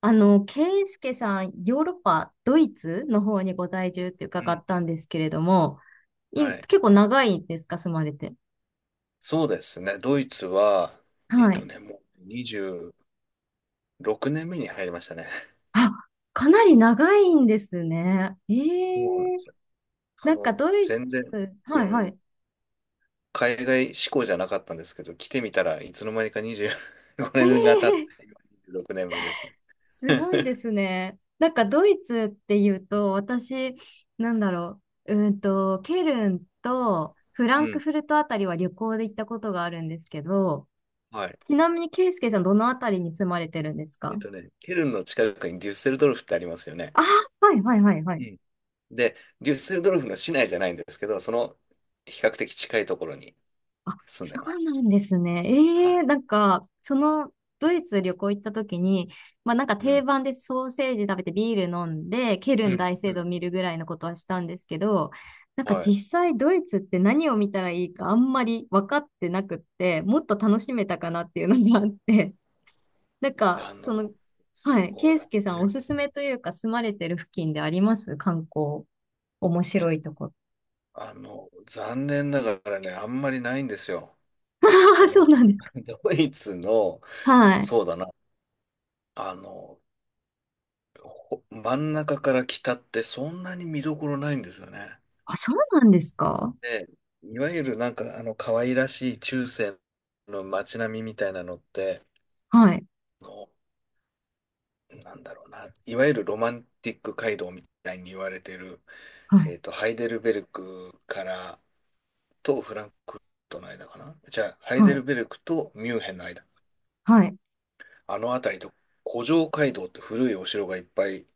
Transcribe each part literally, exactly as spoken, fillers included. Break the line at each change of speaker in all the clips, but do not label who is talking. あの、ケイスケさん、ヨーロッパ、ドイツの方にご在住って
う
伺
ん。
ったんですけれども、い、
はい。
結構長いんですか、住まれて。
そうですね。ドイツは、えっ
は
と
い。
ね、もうにじゅうろくねんめに入りましたね。
あ、かなり長いんですね。え
そうなんで
え、
すよ。あ
なんか
の、
ドイ
全然、
ツ、
う
はいは
ん、
い。
海外志向じゃなかったんですけど、来てみたらいつの間にかにじゅうごねんが経っ
ええ、
て、今にじゅうろくねんめですね。
すごいで すね。なんかドイツっていうと、私、なんだろう、うーんと、ケルンとフラ
う
ンク
ん。
フルトあたりは旅行で行ったことがあるんですけど、
はい。
ちなみに、ケイスケさん、どのあたりに住まれてるんです
えっ
か？
とね、ケルンの近くにデュッセルドルフってありますよね。
あ、はい、はい、はい、は
う
い。
ん。で、デュッセルドルフの市内じゃないんですけど、その比較的近いところに
あ、
住んで
そ
ま
う
す。
なんですね。え
は
え、
い。
なんか、その、ドイツ旅行行った時に、まあなんか
う
定
ん。
番でソーセージ食べてビール飲んで、ケル
う
ン
ん。
大聖
う
堂
ん。
見るぐらいのことはしたんですけど、なんか
はい。
実際ドイツって何を見たらいいかあんまり分かってなくって、もっと楽しめたかなっていうのがあって、なんか、
あ
その、
の、
はい、
そう
ケイ
だ
スケさんお
ね。
すすめというか住まれてる付近であります観光。面白いところ。
あの、残念ながらね、あんまりないんですよ。
あ
あ
あ、そ
の、
うなんですか。
ドイツの、
はい。
そうだな、あの、ほ真ん中から北ってそんなに見どころないんですよね。
あ、そうなんですか。
で、いわゆるなんか、あの、可愛らしい中世の街並みみたいなのって、
はい。
あの、なんだろうな、いわゆるロマンティック街道みたいに言われてる
はい。
えっと、ハイデルベルクからとフランクフルトの間かな。じゃあ、ハイ
は
デ
い。
ルベルクとミュンヘンの間。
はい。
あの辺りと、古城街道って古いお城がいっぱい、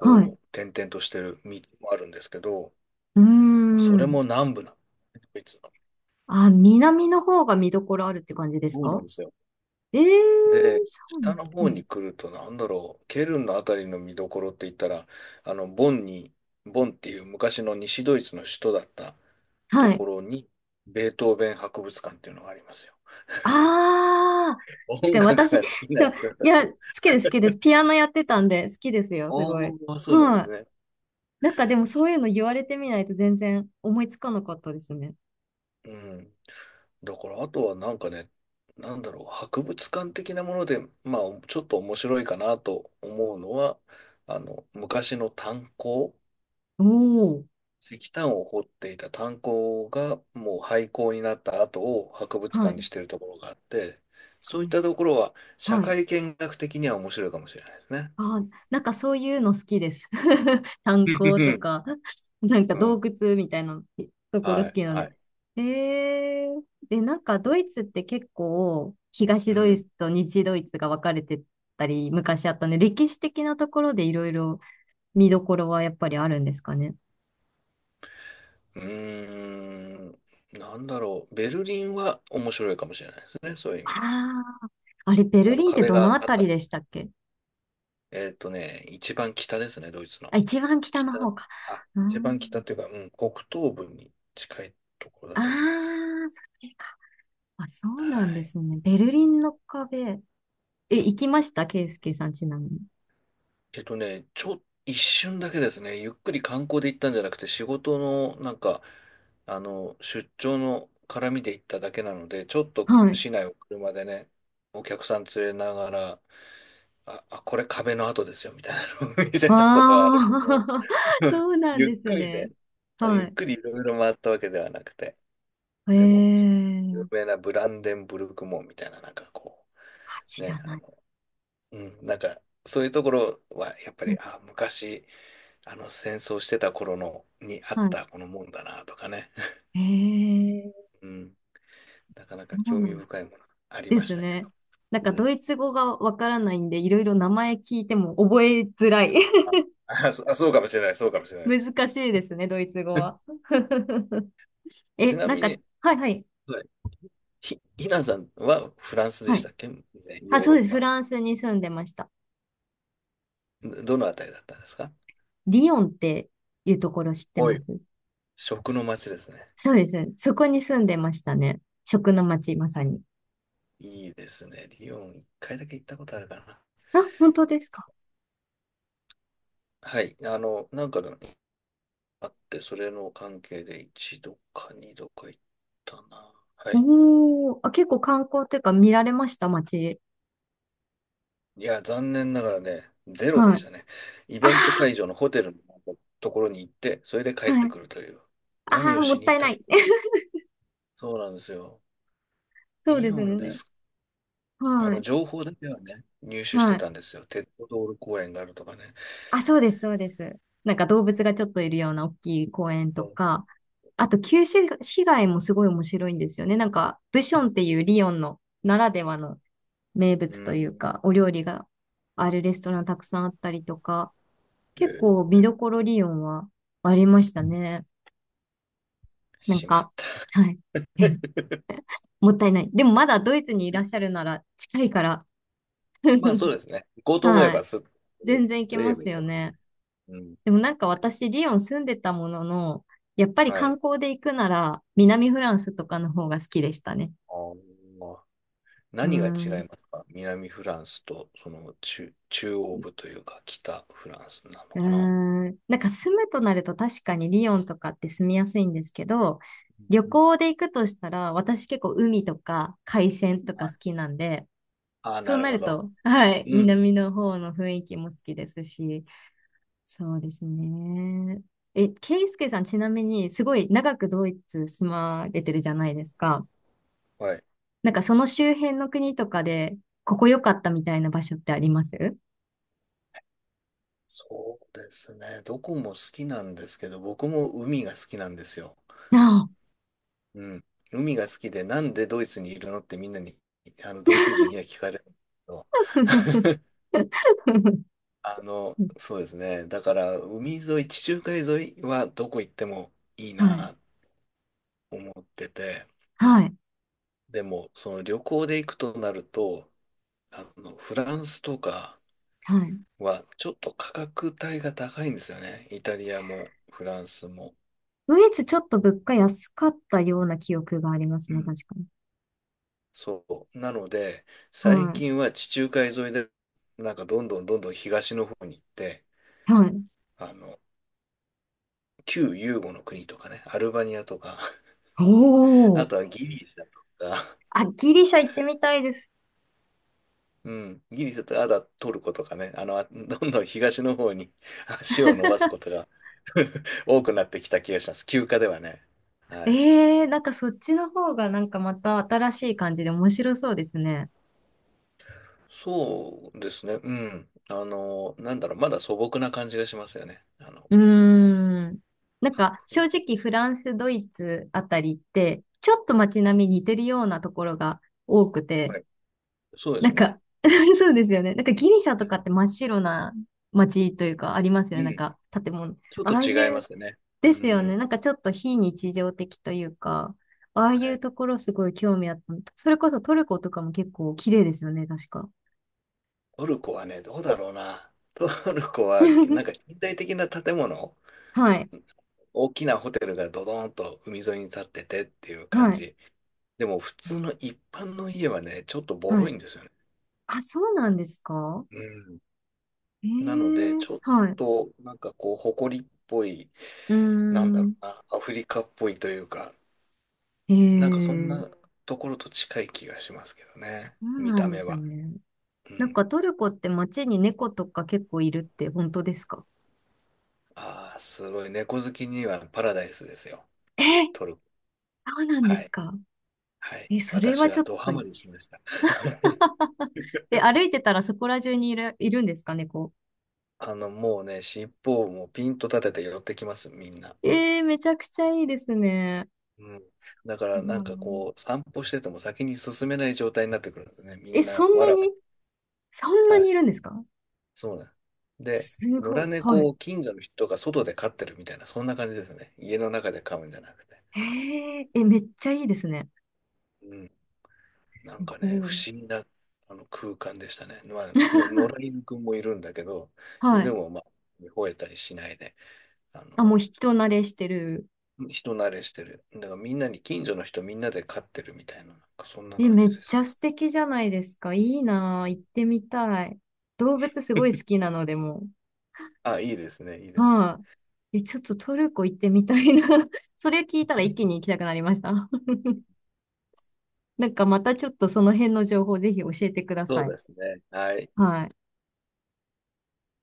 はい。
う、点々としてる道もあるんですけど、
うー
それ
ん。
も南部なの。ドイツの
あ、南の方が見どころあるって感じです
そうなん
か？
ですよ。
ええー、
で、
そうな
北
んだ。
の方
はい。
に来ると、なんだろう、ケルンのあたりの見どころって言ったら、あの、ボンに、ボンっていう昔の西ドイツの首都だったと
は
こ
い。
ろに、ベートーベン博物館っていうのがありますよ。
ああ、確
音
かに
楽が
私、
好きな
でも、
人だ
いや、
と。
好きです、好きです。ピアノやってたんで、好きですよ、
あ
すごい。
あ、そうなんで
は
す
い。
ね。
なんかでもそういうの言われてみないと全然思いつかなかったですね。
うん。だから、あとはなんかね、なんだろう、博物館的なもので、まあ、ちょっと面白いかなと思うのは、あの、昔の炭鉱、
おー。
石炭を掘っていた炭鉱がもう廃鉱になった後を博物
は
館に
い。
してるところがあって、そういっ
楽し
たと
そ
ころは
う。
社
はい。
会見学的には面白いかもしれないですね。
あ、なんかそういうの好きです。炭鉱と か、なんか
うん。う
洞
ん
窟みたいなところ
は
好
い、
きなの
は
で。
い。
えー、で、なんかドイツって結構東
う
ドイ
ん。
ツと西ドイツが分かれてたり昔あったね。歴史的なところでいろいろ見どころはやっぱりあるんですかね。
うーん、なんだろう。ベルリンは面白いかもしれないですね。そういう意味では。
ああ、あれベ
あ
ル
の
リンって
壁
どの
が
あ
あっ
た
た
り
の。
でしたっけ？
えっとね、一番北ですね、ドイツ
あ、
の。
一番北の
北、
方か。
あ、
うー
一番北っ
ん。
ていうか、うん、北東部に近いところ
あ
だと思います。
あ、そっちか。あ、そう
は
なんで
い。
すね。ベルリンの壁。え、行きましたケイスケさん、ちなみに。
えっとね、ちょ、一瞬だけですね、ゆっくり観光で行ったんじゃなくて、仕事の、なんか、あの、出張の絡みで行っただけなので、ちょっと
はい。
市内を車でね、お客さん連れながら、あ、あ、これ壁の跡ですよ、みたいなのを 見せたことはあるけど、
ああ、そうなん
ゆっ
です
くり
ね。
で、
は
ゆっ
い。
くりいろいろ回ったわけではなくて、
ええ
でも、有
ー、
名なブランデンブルク門みたいな、なんかこ
あ、
う、
知ら
ね、あ
ない。
の、うん、なんか、そういうところは、やっぱ
うん、
り、あ、昔、あの、戦争してた頃の、にあっ
は
たこの門だな、とかね。
い。ええー、
うん、なかな
そ
か
う
興
な
味
んで
深い
す。
ものあり
で
まし
す
たけ
ね。
ど。
なんか、
うん、
ドイツ語がわからないんで、いろいろ名前聞いても覚えづらい。
あ、あ、そあそうかもしれない、そうかもしれない。
難しいですね、ドイツ語は。
ち
え、
な
なん
み
か、
に、
はいはい。
ひ、ひなさんはフランスで
は
し
い。
たっけ以前
あ、
ヨー
そう
ロッ
です。フ
パ。
ランスに住んでました。
どどのあたりだったんですか
リヨンっていうところ知って
お
ます？
い。食の街ですね。
そうです。そこに住んでましたね。食の街、まさに。
いいですね。リヨン一回だけ行ったことあるかな。
あ、本当ですか。
はい。あの、なんかのあって、それの関係で一度か二度か行ったな。はい。
おー、あ、結構観光っていうか見られました、街。
いや、残念ながらね、ゼロ
は
でし
い。
たね。イベント
あ
会場のホテルのところに行って、それで帰
ー、
って
はい。
くるという。
あ
何
あ、
を
も
し
っ
に
た
行っ
いな
たん
い。
そうなんですよ。
そう
リ
です
ヨンで
ね。
すあ
は
の、
い。
情報だけはね、入手し
は
て
い。
たんですよ。鉄道道路公園があるとかね。
あ、そうです、そうです。なんか動物がちょっといるような大きい公園と
そう。
か、あと旧市市街もすごい面白いんですよね。なんか、ブションっていうリヨンのならではの名
う
物という
ん。
か、お料理があるレストランたくさんあったりとか、
え
結構見
ー
どころ理論はありましたね。なん
しまっ
か、
た。
はい。うん、 もったいない。でもまだドイツにいらっしゃるなら近いから。
まあそ うですね。行こうと思え
は
ば
い。
すっと
全然行け
言
ま
えば
す
行
よ
けます
ね。
ね。うん。
でもなんか私、リヨン住んでたものの、やっぱり
は
観
い。
光で行くなら、南フランスとかの方が好きでしたね。
あー
うー
何が違
ん。う
いますか南フランスと、その中、中央部というか北フランスなの
ー
かな
ん。なんか住むとなると確かにリヨンとかって住みやすいんですけど、旅
うん
行で行くとしたら、私結構海とか海鮮とか
は
好
い。
きなんで、
ああ、
そう
なる
な
ほ
る
ど。
と、はい、
うん。
南の方の雰囲気も好きですし、そうですね。え、ケイスケさん、ちなみに、すごい長くドイツ住まれてるじゃないですか。
はい。
なんか、その周辺の国とかで、ここ良かったみたいな場所ってあります？
そうですね。どこも好きなんですけど、僕も海が好きなんですよ。
ああ。
うん。海が好きで、なんでドイツにいるのってみんなに、あの、ドイツ人には聞かれるんですけど あの、そうですね。だから、海沿い、地中海沿いはどこ行ってもいい
はい。
なと思ってて、
はい。
でも、その旅行で行くとなると、あの、フランスとか
はい。
はちょっと価格帯が高いんですよね。イタリアもフランスも。
ドイツちょっと物価安かったような記憶があります
う
ね、
ん
確かに。
そう。なので、
は
最
い。
近は地中海沿いで、なんかどんどんどんどん東の方に行って、
はい。
あの、旧ユーゴの国とかね、アルバニアとか、
お
あ
お。
とはギリシャとか、
あ、ギリシャ行ってみたいです。
うん、ギリシャとか、あとはトルコとかね、あの、あ どんどん東の方に 足を伸ばすことが多くなってきた気がします。休暇ではね。はい。
ええ、なんかそっちの方がなんかまた新しい感じで面白そうですね。
そうですね、うん。あの、なんだろう、まだ素朴な感じがしますよね。あの、
うーん。なんか正直フランス、ドイツあたりって、ちょっと街並み似てるようなところが多くて、
はいそうで
な
す
ん
ね。
か そうですよね。なんかギリシャ
う
とかっ
ん。
て真っ白な街というかありますよ
う
ね。なん
ん。
か建物。
ちょっと
ああい
違いま
う、
すね。
で
う
すよね。
ん。
なんかちょっと非日常的というか、ああ
は
いう
い。
ところすごい興味あった。それこそトルコとかも結構綺麗ですよね、確か。
トルコはね、どうだろうな。トルコは、なんか 近代的な建物
はい。
大きなホテルがドドーンと海沿いに立っててっていう感
はい。
じ。でも普通の一般の家はね、ちょっとボ
は
ロい
い。
んですよね。
あ、そうなんですか？
うん。
え
なので、
え、
ちょっ
はい。
となんかこう、埃っぽい、
うー
なんだろ
ん。
うな、アフリカっぽいというか、なんかそん
え
な
え、
ところと近い気がしますけど
そ
ね。
う
見
な
た
んで
目
す
は。
ね。
う
なん
ん。
かトルコって街に猫とか結構いるって本当ですか？
ああ、すごい。猫好きにはパラダイスですよ。
えー、
トルコ。
そうなんで
は
す
い。
か？
はい。
え、それ
私
はち
は
ょっ
ド
と、
ハマりしました。
え、歩いてたらそこら中にいる、いるんですか猫。
あの、もうね、尻尾をもうピンと立てて寄ってきます、みんな。
えー、めちゃくちゃいいですね。
うん。だか
う
らなんか
ん、
こう、散歩してても先に進めない状態になってくるんですね。み
え、
ん
そ
な、
ん
わ
な
らわ
に、そん
ら。
な
は
に
い。
いるんですか？
そうなんです。で、
す
野
ご
良
い。は
猫
い。
を近所の人が外で飼ってるみたいな、そんな感じですね。家の中で飼うんじゃなくて。
えー、え、めっちゃいいですね。
うん。
す
なんかね、
ご
不
い。
思議なあの空間でしたね。まあ、の 野良犬くんもいるんだけど、
は
犬
い。
もまあ、吠えたりしないで、あ
あ、も
の、
う人慣れしてる。
人慣れしてる。だからみんなに、近所の人みんなで飼ってるみたいな、なんかそんな
え、
感じ
めっ
で
ち
す。
ゃ素敵じゃないですか。いいなぁ行ってみたい。動物すごい好 きなのでも
あ、いいですね、いい
う。
ですね。
はい。え、ちょっとトルコ行ってみたいな。それ聞いたら一気に行きたくなりました。なんかまたちょっとその辺の情報ぜひ教えてくだ
そう
さい。
ですね。はい。
はい。